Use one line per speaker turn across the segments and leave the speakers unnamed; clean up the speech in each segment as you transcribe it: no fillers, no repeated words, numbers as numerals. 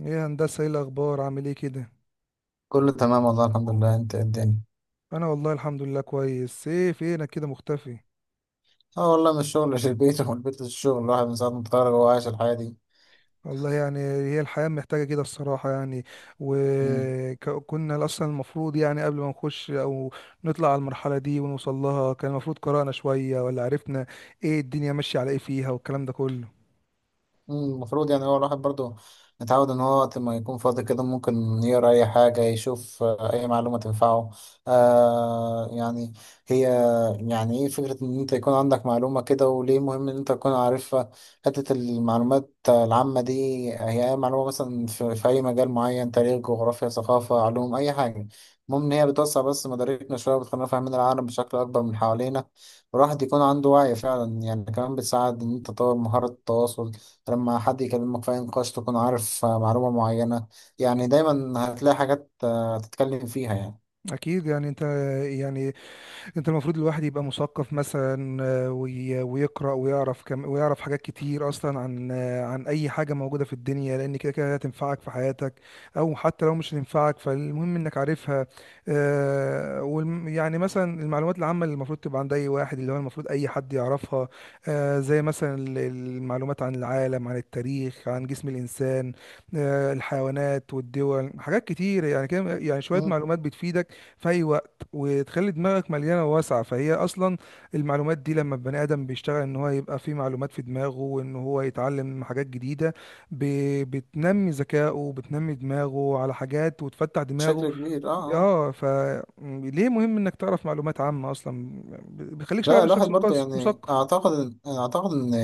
ايه يا هندسة، ايه الأخبار؟ عامل ايه كده؟
كله تمام والله الحمد لله. انت ايه الدنيا؟
أنا والله الحمد لله كويس. ايه فينك كده مختفي؟
اه، والله من الشغل للبيت ومن البيت للشغل. الواحد من ساعة ما اتخرج وهو عايش الحياة دي.
والله يعني هي الحياة محتاجة كده الصراحة يعني. وكنا أصلا المفروض يعني قبل ما نخش أو نطلع على المرحلة دي ونوصل لها، كان المفروض قرأنا شوية ولا عرفنا ايه الدنيا ماشية على ايه فيها والكلام ده كله.
المفروض يعني هو الواحد برضو متعود ان هو وقت ما يكون فاضي كده ممكن يقرا اي حاجه، يشوف اي معلومه تنفعه. يعني هي يعني ايه فكره ان انت يكون عندك معلومه كده، وليه مهم ان انت تكون عارفها؟ حته المعلومات العامه دي، هي اي معلومه مثلا في اي مجال معين، تاريخ، جغرافيا، ثقافه، علوم، اي حاجه. المهم ان هي بتوسع بس مداركنا شويه، وبتخلينا فاهمين العالم بشكل اكبر من حوالينا، والواحد يكون عنده وعي فعلا. يعني كمان بتساعد ان انت تطور مهاره التواصل. لما حد يكلمك في أي نقاش تكون عارف معلومة معينة، يعني دايما هتلاقي حاجات تتكلم فيها يعني.
أكيد يعني. أنت يعني انت المفروض الواحد يبقى مثقف مثلا، ويقرأ ويعرف كم ويعرف حاجات كتير اصلا عن عن اي حاجة موجودة في الدنيا، لان كده كده هتنفعك في حياتك. او حتى لو مش هتنفعك فالمهم انك عارفها. يعني مثلا المعلومات العامة اللي المفروض تبقى عند اي واحد، اللي هو المفروض اي حد يعرفها. زي مثلا المعلومات عن العالم، عن التاريخ، عن جسم الانسان، الحيوانات والدول، حاجات كتير يعني كده. يعني شوية
مم.
معلومات بتفيدك في اي وقت، وتخلي دماغك مليانه واسعه. فهي اصلا المعلومات دي، لما البني ادم بيشتغل ان هو يبقى فيه معلومات في دماغه وان هو يتعلم حاجات جديده، ب... بتنمي ذكائه، بتنمي دماغه على حاجات وتفتح دماغه.
بشكل كبير، اه. آه.
اه، فليه مهم انك تعرف معلومات عامه اصلا؟ بيخليك
لا، الواحد
شخص
برضه
مثقف
يعني
مثقف.
اعتقد ان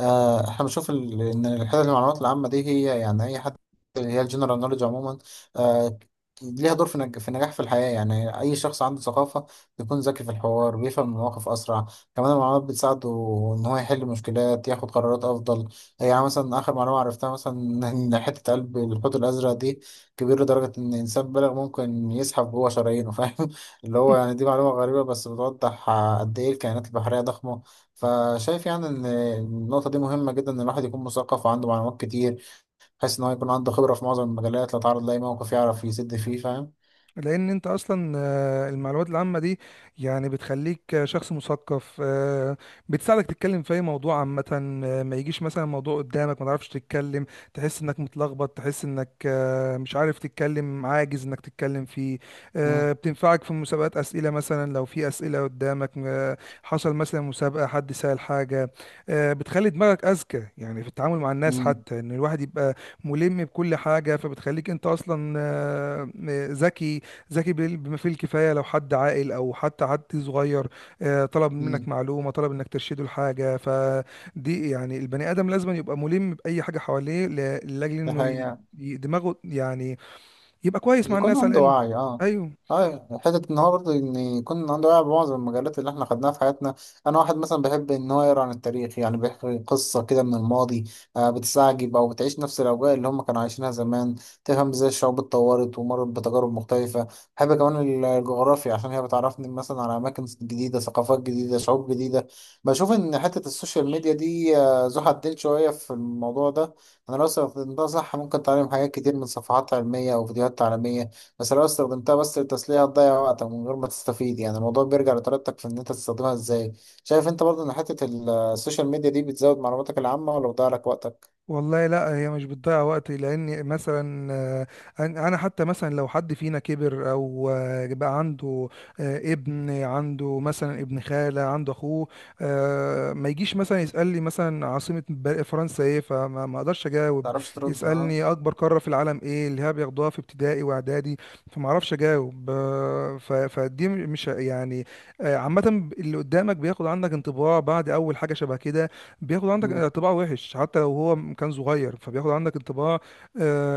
احنا بنشوف ان الحته المعلومات العامه دي، هي يعني اي حد، اللي هي الجنرال نوليدج عموما، آه، ليها دور في في النجاح في الحياه. يعني اي شخص عنده ثقافه بيكون ذكي في الحوار، بيفهم المواقف اسرع. كمان المعلومات بتساعده ان هو يحل مشكلات، ياخد قرارات افضل. يعني مثلا اخر معلومه عرفتها مثلا، ان حته قلب الحوت الازرق دي كبيره لدرجه ان انسان بالغ ممكن يزحف جوه شرايينه، فاهم؟ اللي هو يعني دي معلومة غريبة بس بتوضح قد إيه الكائنات البحرية ضخمة. فشايف يعني إن النقطة دي مهمة جدا، إن الواحد يكون مثقف وعنده معلومات كتير، بحيث إن هو يكون عنده خبرة في معظم المجالات، لو اتعرض لأي موقف يعرف يسد فيه، فاهم؟
لان انت اصلا، المعلومات العامه دي يعني بتخليك شخص مثقف. بتساعدك تتكلم في اي موضوع عامه. ما يجيش مثلا موضوع قدامك ما تعرفش تتكلم، تحس انك متلخبط، تحس انك مش عارف تتكلم، عاجز انك تتكلم فيه.
مم.
بتنفعك في مسابقات اسئله. مثلا لو في اسئله قدامك، حصل مثلا مسابقه، حد سأل حاجه، بتخلي دماغك اذكى. يعني في التعامل مع الناس،
مم.
حتى ان الواحد يبقى ملم بكل حاجه. فبتخليك انت اصلا ذكي. بما فيه الكفاية. لو حد عاقل أو حتى حد صغير طلب منك
مم.
معلومة، طلب إنك ترشده لحاجة، فدي يعني البني آدم لازم يبقى ملم بأي حاجة حواليه لأجل
ده
إنه ي-
حقيقة.
ي- دماغه يعني يبقى كويس مع
يكون
الناس على
عنده
الأقل.
وعي، اه.
أيوه.
اه حتة ان هو برضه ان يكون عنده وعي بمعظم المجالات اللي احنا خدناها في حياتنا. انا واحد مثلا بحب ان هو يقرا عن التاريخ، يعني بيحكي قصة كده من الماضي، بتستعجب او بتعيش نفس الاوجاع اللي هم كانوا عايشينها زمان، تفهم ازاي الشعوب اتطورت ومرت بتجارب مختلفة. بحب كمان الجغرافيا عشان هي بتعرفني مثلا على اماكن جديدة، ثقافات جديدة، شعوب جديدة. بشوف ان حتة السوشيال ميديا دي ذو حدين شوية في الموضوع ده. انا لو استخدمتها صح ممكن تعلم حاجات كتير من صفحات علمية او فيديوهات تعليمية، بس لو استخدمتها بس للتسلية هتضيع وقتك من غير ما تستفيد. يعني الموضوع بيرجع لطريقتك في ان انت تستخدمها ازاي. شايف انت برضو ان حتة السوشيال ميديا دي بتزود معلوماتك العامة ولا بتضيع لك وقتك؟
والله لا، هي مش بتضيع وقت. لان مثلا أنا حتى مثلا لو حد فينا كبر او بقى عنده ابن، عنده مثلا ابن خالة، عنده اخوه، ما يجيش مثلا يسألني مثلا عاصمة فرنسا ايه، فما ما اقدرش
ما
اجاوب.
تعرفش ترد، ها.
يسألني اكبر قارة في العالم ايه، اللي هي بياخدوها في ابتدائي واعدادي، فما اعرفش اجاوب. فدي مش يعني، عامة اللي قدامك بياخد عنك انطباع بعد اول حاجة شبه كده. بياخد عندك
مم.
انطباع وحش، حتى لو هو كان صغير، فبياخد عندك انطباع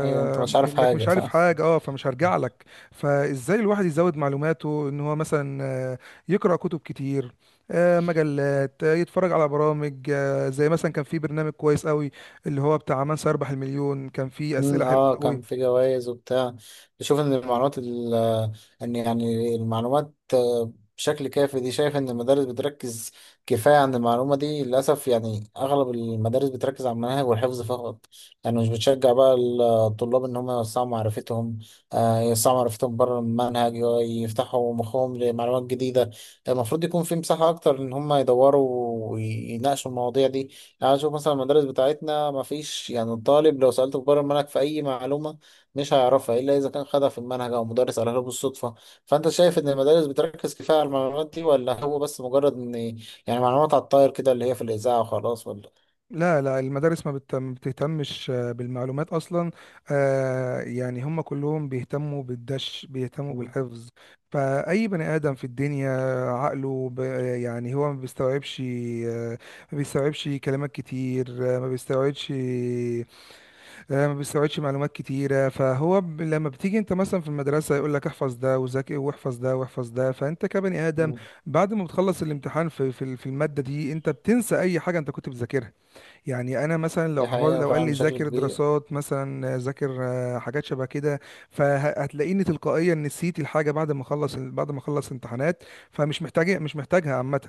ايوه، انت مش عارف
انك
حاجة،
مش عارف
فاهم.
حاجه. اه، فمش هرجع لك. فازاي الواحد يزود معلوماته؟ ان هو مثلا يقرا كتب كتير، آه مجلات، آه يتفرج على برامج، آه زي مثلا كان في برنامج كويس قوي اللي هو بتاع من سيربح المليون، كان فيه اسئله حلوه
كان
قوي.
في جوائز وبتاع. بشوف ان المعلومات ان يعني المعلومات بشكل كافي دي، شايف ان المدارس بتركز كفايه عن المعلومه دي للاسف. يعني اغلب المدارس بتركز على المناهج والحفظ فقط، يعني مش بتشجع بقى الطلاب ان هم يوسعوا معرفتهم، يوسعوا معرفتهم بره المنهج، يفتحوا مخهم لمعلومات جديده. المفروض يكون في مساحه اكتر ان هم يدوروا ويناقشوا المواضيع دي. تعال نشوف مثلا المدارس بتاعتنا، ما فيش، يعني الطالب لو سألته بره المنهج في أي معلومة مش هيعرفها إلا إذا كان خدها في المنهج أو مدرس قالها له بالصدفة. فأنت شايف إن المدارس بتركز كفاية على المعلومات دي، ولا هو بس مجرد إن يعني معلومات على الطاير كده، اللي هي في الإذاعة وخلاص ولا؟
لا لا، المدارس ما بتهتمش بالمعلومات اصلا. يعني هم كلهم بيهتموا بالدش، بيهتموا
مم.
بالحفظ. فاي بني ادم في الدنيا عقله يعني هو ما بيستوعبش، آه، ما بيستوعبش كلمات كتير، ما بيستوعبش، ما بيستوعبش معلومات كتيره. فهو لما بتيجي انت مثلا في المدرسه يقول لك احفظ ده وذاكر واحفظ ده واحفظ ده، فانت كبني ادم
مم.
بعد ما بتخلص الامتحان في في الماده دي، انت بتنسى اي حاجه انت كنت بتذاكرها. يعني انا مثلا لو
دي
حفظ،
حقيقة
لو قال
فعلا
لي
بشكل
ذاكر
كبير.
دراسات مثلا، ذاكر حاجات شبه كده، فهتلاقيني تلقائيا نسيت الحاجه بعد ما اخلص، امتحانات. فمش محتاج مش محتاجها عامه.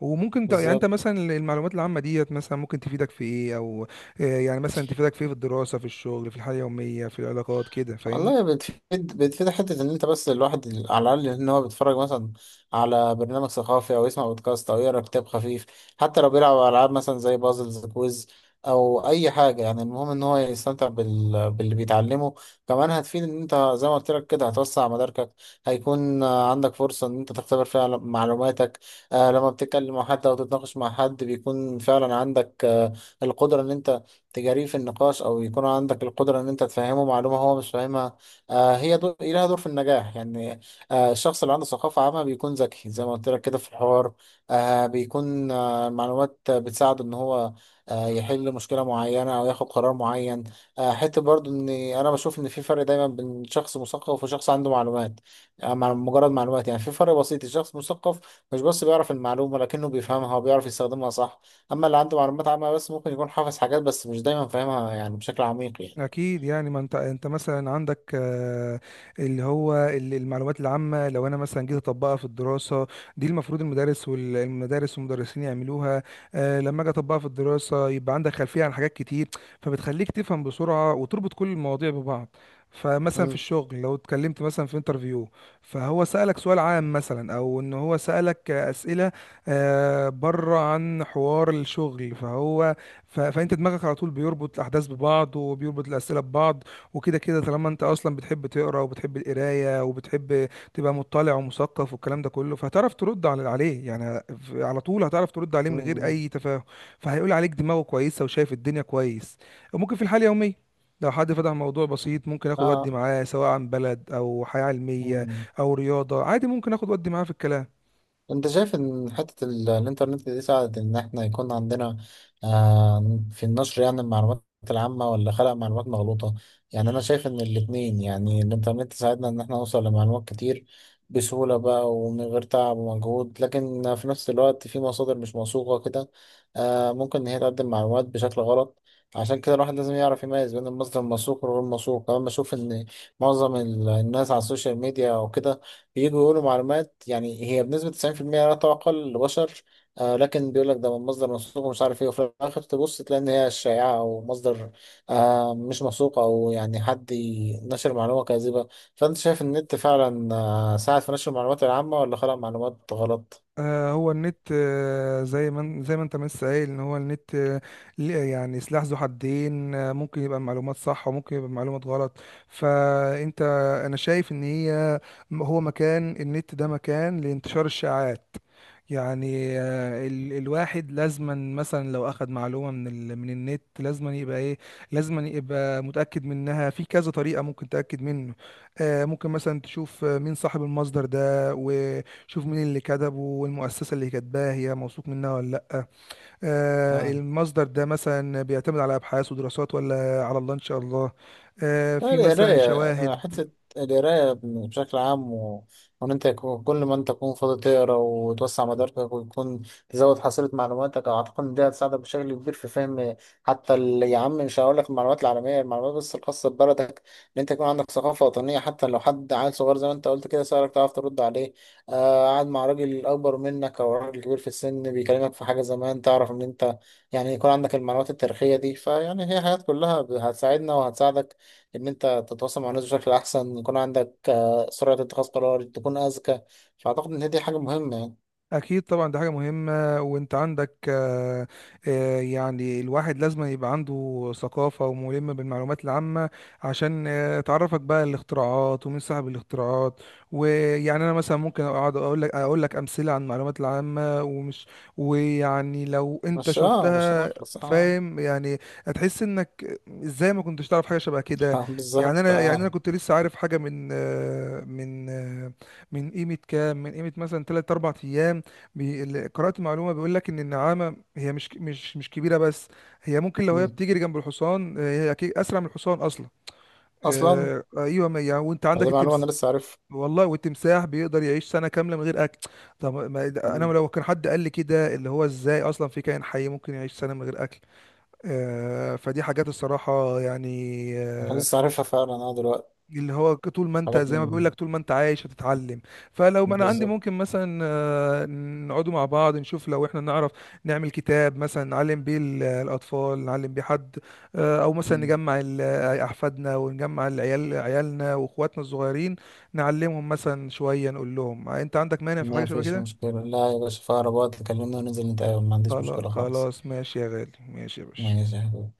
يعني انت
بالظبط.
مثلا المعلومات العامه ديت مثلا ممكن تفيدك في ايه، او يعني مثلا تفيدك في ايه؟ في الدراسه، في الشغل، في الحياه اليوميه، في العلاقات كده، فاهمني؟
والله بتفيد. بتفيد حتة إن أنت بس الواحد على الأقل إن هو بيتفرج مثلا على برنامج ثقافي، أو يسمع بودكاست، أو يقرأ كتاب خفيف، حتى لو بيلعب ألعاب مثلا زي بازلز كويز أو أي حاجة. يعني المهم إن هو يستمتع باللي بيتعلمه. كمان هتفيد إن أنت زي ما قلت لك كده هتوسع مداركك، هيكون عندك فرصة إن أنت تختبر فيها معلوماتك. لما بتتكلم مع حد أو تتناقش مع حد، بيكون فعلا عندك القدرة إن أنت تجاريه في النقاش، او يكون عندك القدره ان انت تفهمه معلومه هو مش فاهمها. آه هي دور لها دور في النجاح يعني. الشخص اللي عنده ثقافه عامه بيكون ذكي زي ما قلت لك كده في الحوار، بيكون معلومات بتساعده ان هو يحل مشكله معينه او ياخد قرار معين. حته برضو ان انا بشوف ان في فرق دايما بين شخص مثقف وشخص عنده معلومات، مجرد معلومات. يعني في فرق بسيط، الشخص المثقف مش بس بيعرف المعلومه، لكنه بيفهمها وبيعرف يستخدمها صح، اما اللي عنده معلومات عامة بس ممكن يكون حافظ حاجات بس مش دايما فاهمها يعني بشكل عميق يعني.
اكيد يعني. ما انت مثلا عندك اللي هو المعلومات العامه، لو انا مثلا جيت اطبقها في الدراسه، دي المفروض المدارس والمدرسين يعملوها. لما اجي اطبقها في الدراسه، يبقى عندك خلفيه عن حاجات كتير، فبتخليك تفهم بسرعه وتربط كل المواضيع ببعض. فمثلا في
مم.
الشغل لو اتكلمت مثلا في انترفيو، فهو سألك سؤال عام مثلا، او ان هو سألك اسئله بره عن حوار الشغل، فانت دماغك على طول بيربط الاحداث ببعض، وبيربط الاسئله ببعض. وكده كده طالما انت اصلا بتحب تقرا وبتحب القرايه وبتحب تبقى مطلع ومثقف والكلام ده كله، فهتعرف ترد عليه يعني. على طول هتعرف ترد عليه
مم.
من غير
مم.
اي تفاهم. فهيقول عليك دماغه كويسه وشايف الدنيا كويس. وممكن في الحاله اليوميه لو حد فتح موضوع بسيط، ممكن اخد ودي
اه.
معاه، سواء عن بلد او حياه علميه
مم.
او رياضه عادي، ممكن اخد ودي معاه في الكلام.
انت شايف ان حتة الانترنت دي ساعدت ان احنا يكون عندنا في النشر يعني المعلومات العامة، ولا خلق معلومات مغلوطة؟ يعني انا شايف ان الاتنين، يعني الانترنت ساعدنا ان احنا نوصل لمعلومات كتير بسهولة بقى ومن غير تعب ومجهود، لكن في نفس الوقت في مصادر مش موثوقة كده ممكن ان هي تقدم معلومات بشكل غلط. عشان كده الواحد لازم يعرف يميز بين المصدر الموثوق والغير موثوق. كمان بشوف ان معظم الناس على السوشيال ميديا او كده بييجوا يقولوا معلومات، يعني هي بنسبة 90% لا تُعقل لبشر، لكن بيقول لك ده من مصدر موثوق ومش عارف ايه، وفي الآخر تبص تلاقي إن هي شائعة أو مصدر مش موثوق، أو يعني حد نشر معلومة كاذبة. فأنت شايف إن النت فعلا ساعد في نشر المعلومات العامة، ولا خلق معلومات غلط؟
هو النت زي ما زي ما انت ما لسه قايل، ان هو النت يعني سلاح ذو حدين. ممكن يبقى معلومات صح وممكن يبقى معلومات غلط. فانت انا شايف ان هو مكان النت ده مكان لانتشار الشائعات. يعني آه، ال الواحد لازما مثلا لو اخذ معلومة من من النت، لازما يبقى ايه، لازما يبقى متأكد منها في كذا طريقة ممكن تأكد منه. ممكن مثلا تشوف مين صاحب المصدر ده، شوف مين اللي كتبه، والمؤسسة اللي كاتباها هي موثوق منها ولا لأ. آه، المصدر ده مثلا بيعتمد على أبحاث ودراسات ولا على الله إن شاء الله. آه،
لا،
في مثلا شواهد.
القراية بشكل عام وإن أنت كل ما أنت تكون فاضي تقرا وتوسع مداركك، ويكون تزود حصيلة معلوماتك، أعتقد إن دي هتساعدك بشكل كبير في فهم حتى يا عم مش هقول لك المعلومات العالمية، المعلومات بس الخاصة ببلدك. إن أنت يكون عندك ثقافة وطنية، حتى لو حد عيل صغير زي ما أنت قلت كده سألك تعرف ترد عليه، قاعد مع راجل أكبر منك أو راجل كبير في السن بيكلمك في حاجة زمان تعرف إن أنت، يعني يكون عندك المعلومات التاريخية دي، فيعني هي حاجات كلها هتساعدنا وهتساعدك ان انت تتواصل مع الناس بشكل احسن، يكون عندك سرعة اتخاذ قرار، تكون اذكى. فاعتقد ان هي دي حاجة مهمة يعني.
اكيد طبعا دي حاجه مهمه. وانت عندك يعني الواحد لازم يبقى عنده ثقافه وملم بالمعلومات العامه، عشان تعرفك بقى الاختراعات ومين صاحب الاختراعات. ويعني انا مثلا ممكن اقعد اقول لك امثله عن المعلومات العامه، ومش. ويعني لو انت
مش
شفتها،
هنخلص، اه.
فاهم يعني، هتحس انك ازاي ما كنتش تعرف حاجه شبه كده. يعني
بالظبط،
انا يعني انا
اه.
كنت لسه عارف حاجه من من قيمه كام، من قيمه مثلا 3 4 ايام، اللي قرأت معلومة بيقول لك إن النعامة هي مش كبيرة بس، هي ممكن لو هي
مم.
بتجري جنب الحصان، هي أكيد أسرع من الحصان أصلا.
اصلا
أيوه ما يعني. وأنت عندك
دي معلومة انا
التمس...
لسه عارفها.
والله، والتمساح بيقدر يعيش سنة كاملة من غير أكل. طب ما... ده- أنا
مم.
لو كان حد قال لي كده، اللي هو إزاي أصلا في كائن حي ممكن يعيش سنة من غير أكل؟ فدي حاجات الصراحة يعني،
انا لسه عارفها فعلا دلوقتي.
اللي هو طول ما انت،
حاجات
زي ما بيقول
من-
لك، طول ما انت عايش هتتعلم. فلو ما انا عندي،
بالظبط.
ممكن مثلا نقعدوا مع بعض، نشوف لو احنا نعرف نعمل كتاب مثلا نعلم بيه الاطفال، نعلم بيه حد، او مثلا
مم.
نجمع احفادنا، ونجمع العيال، عيالنا واخواتنا الصغيرين، نعلمهم مثلا شوية. نقول لهم انت عندك مانع في حاجة
ما
شبه
فيش
كده؟
مشكلة، لا يا باشا، في أقرب وقت كلمني وننزل نتقابل، ما عنديش
خلا-
مشكلة خالص.
خلاص ماشي يا غالي، ماشي يا باشا.
ماشي يا حبيبي.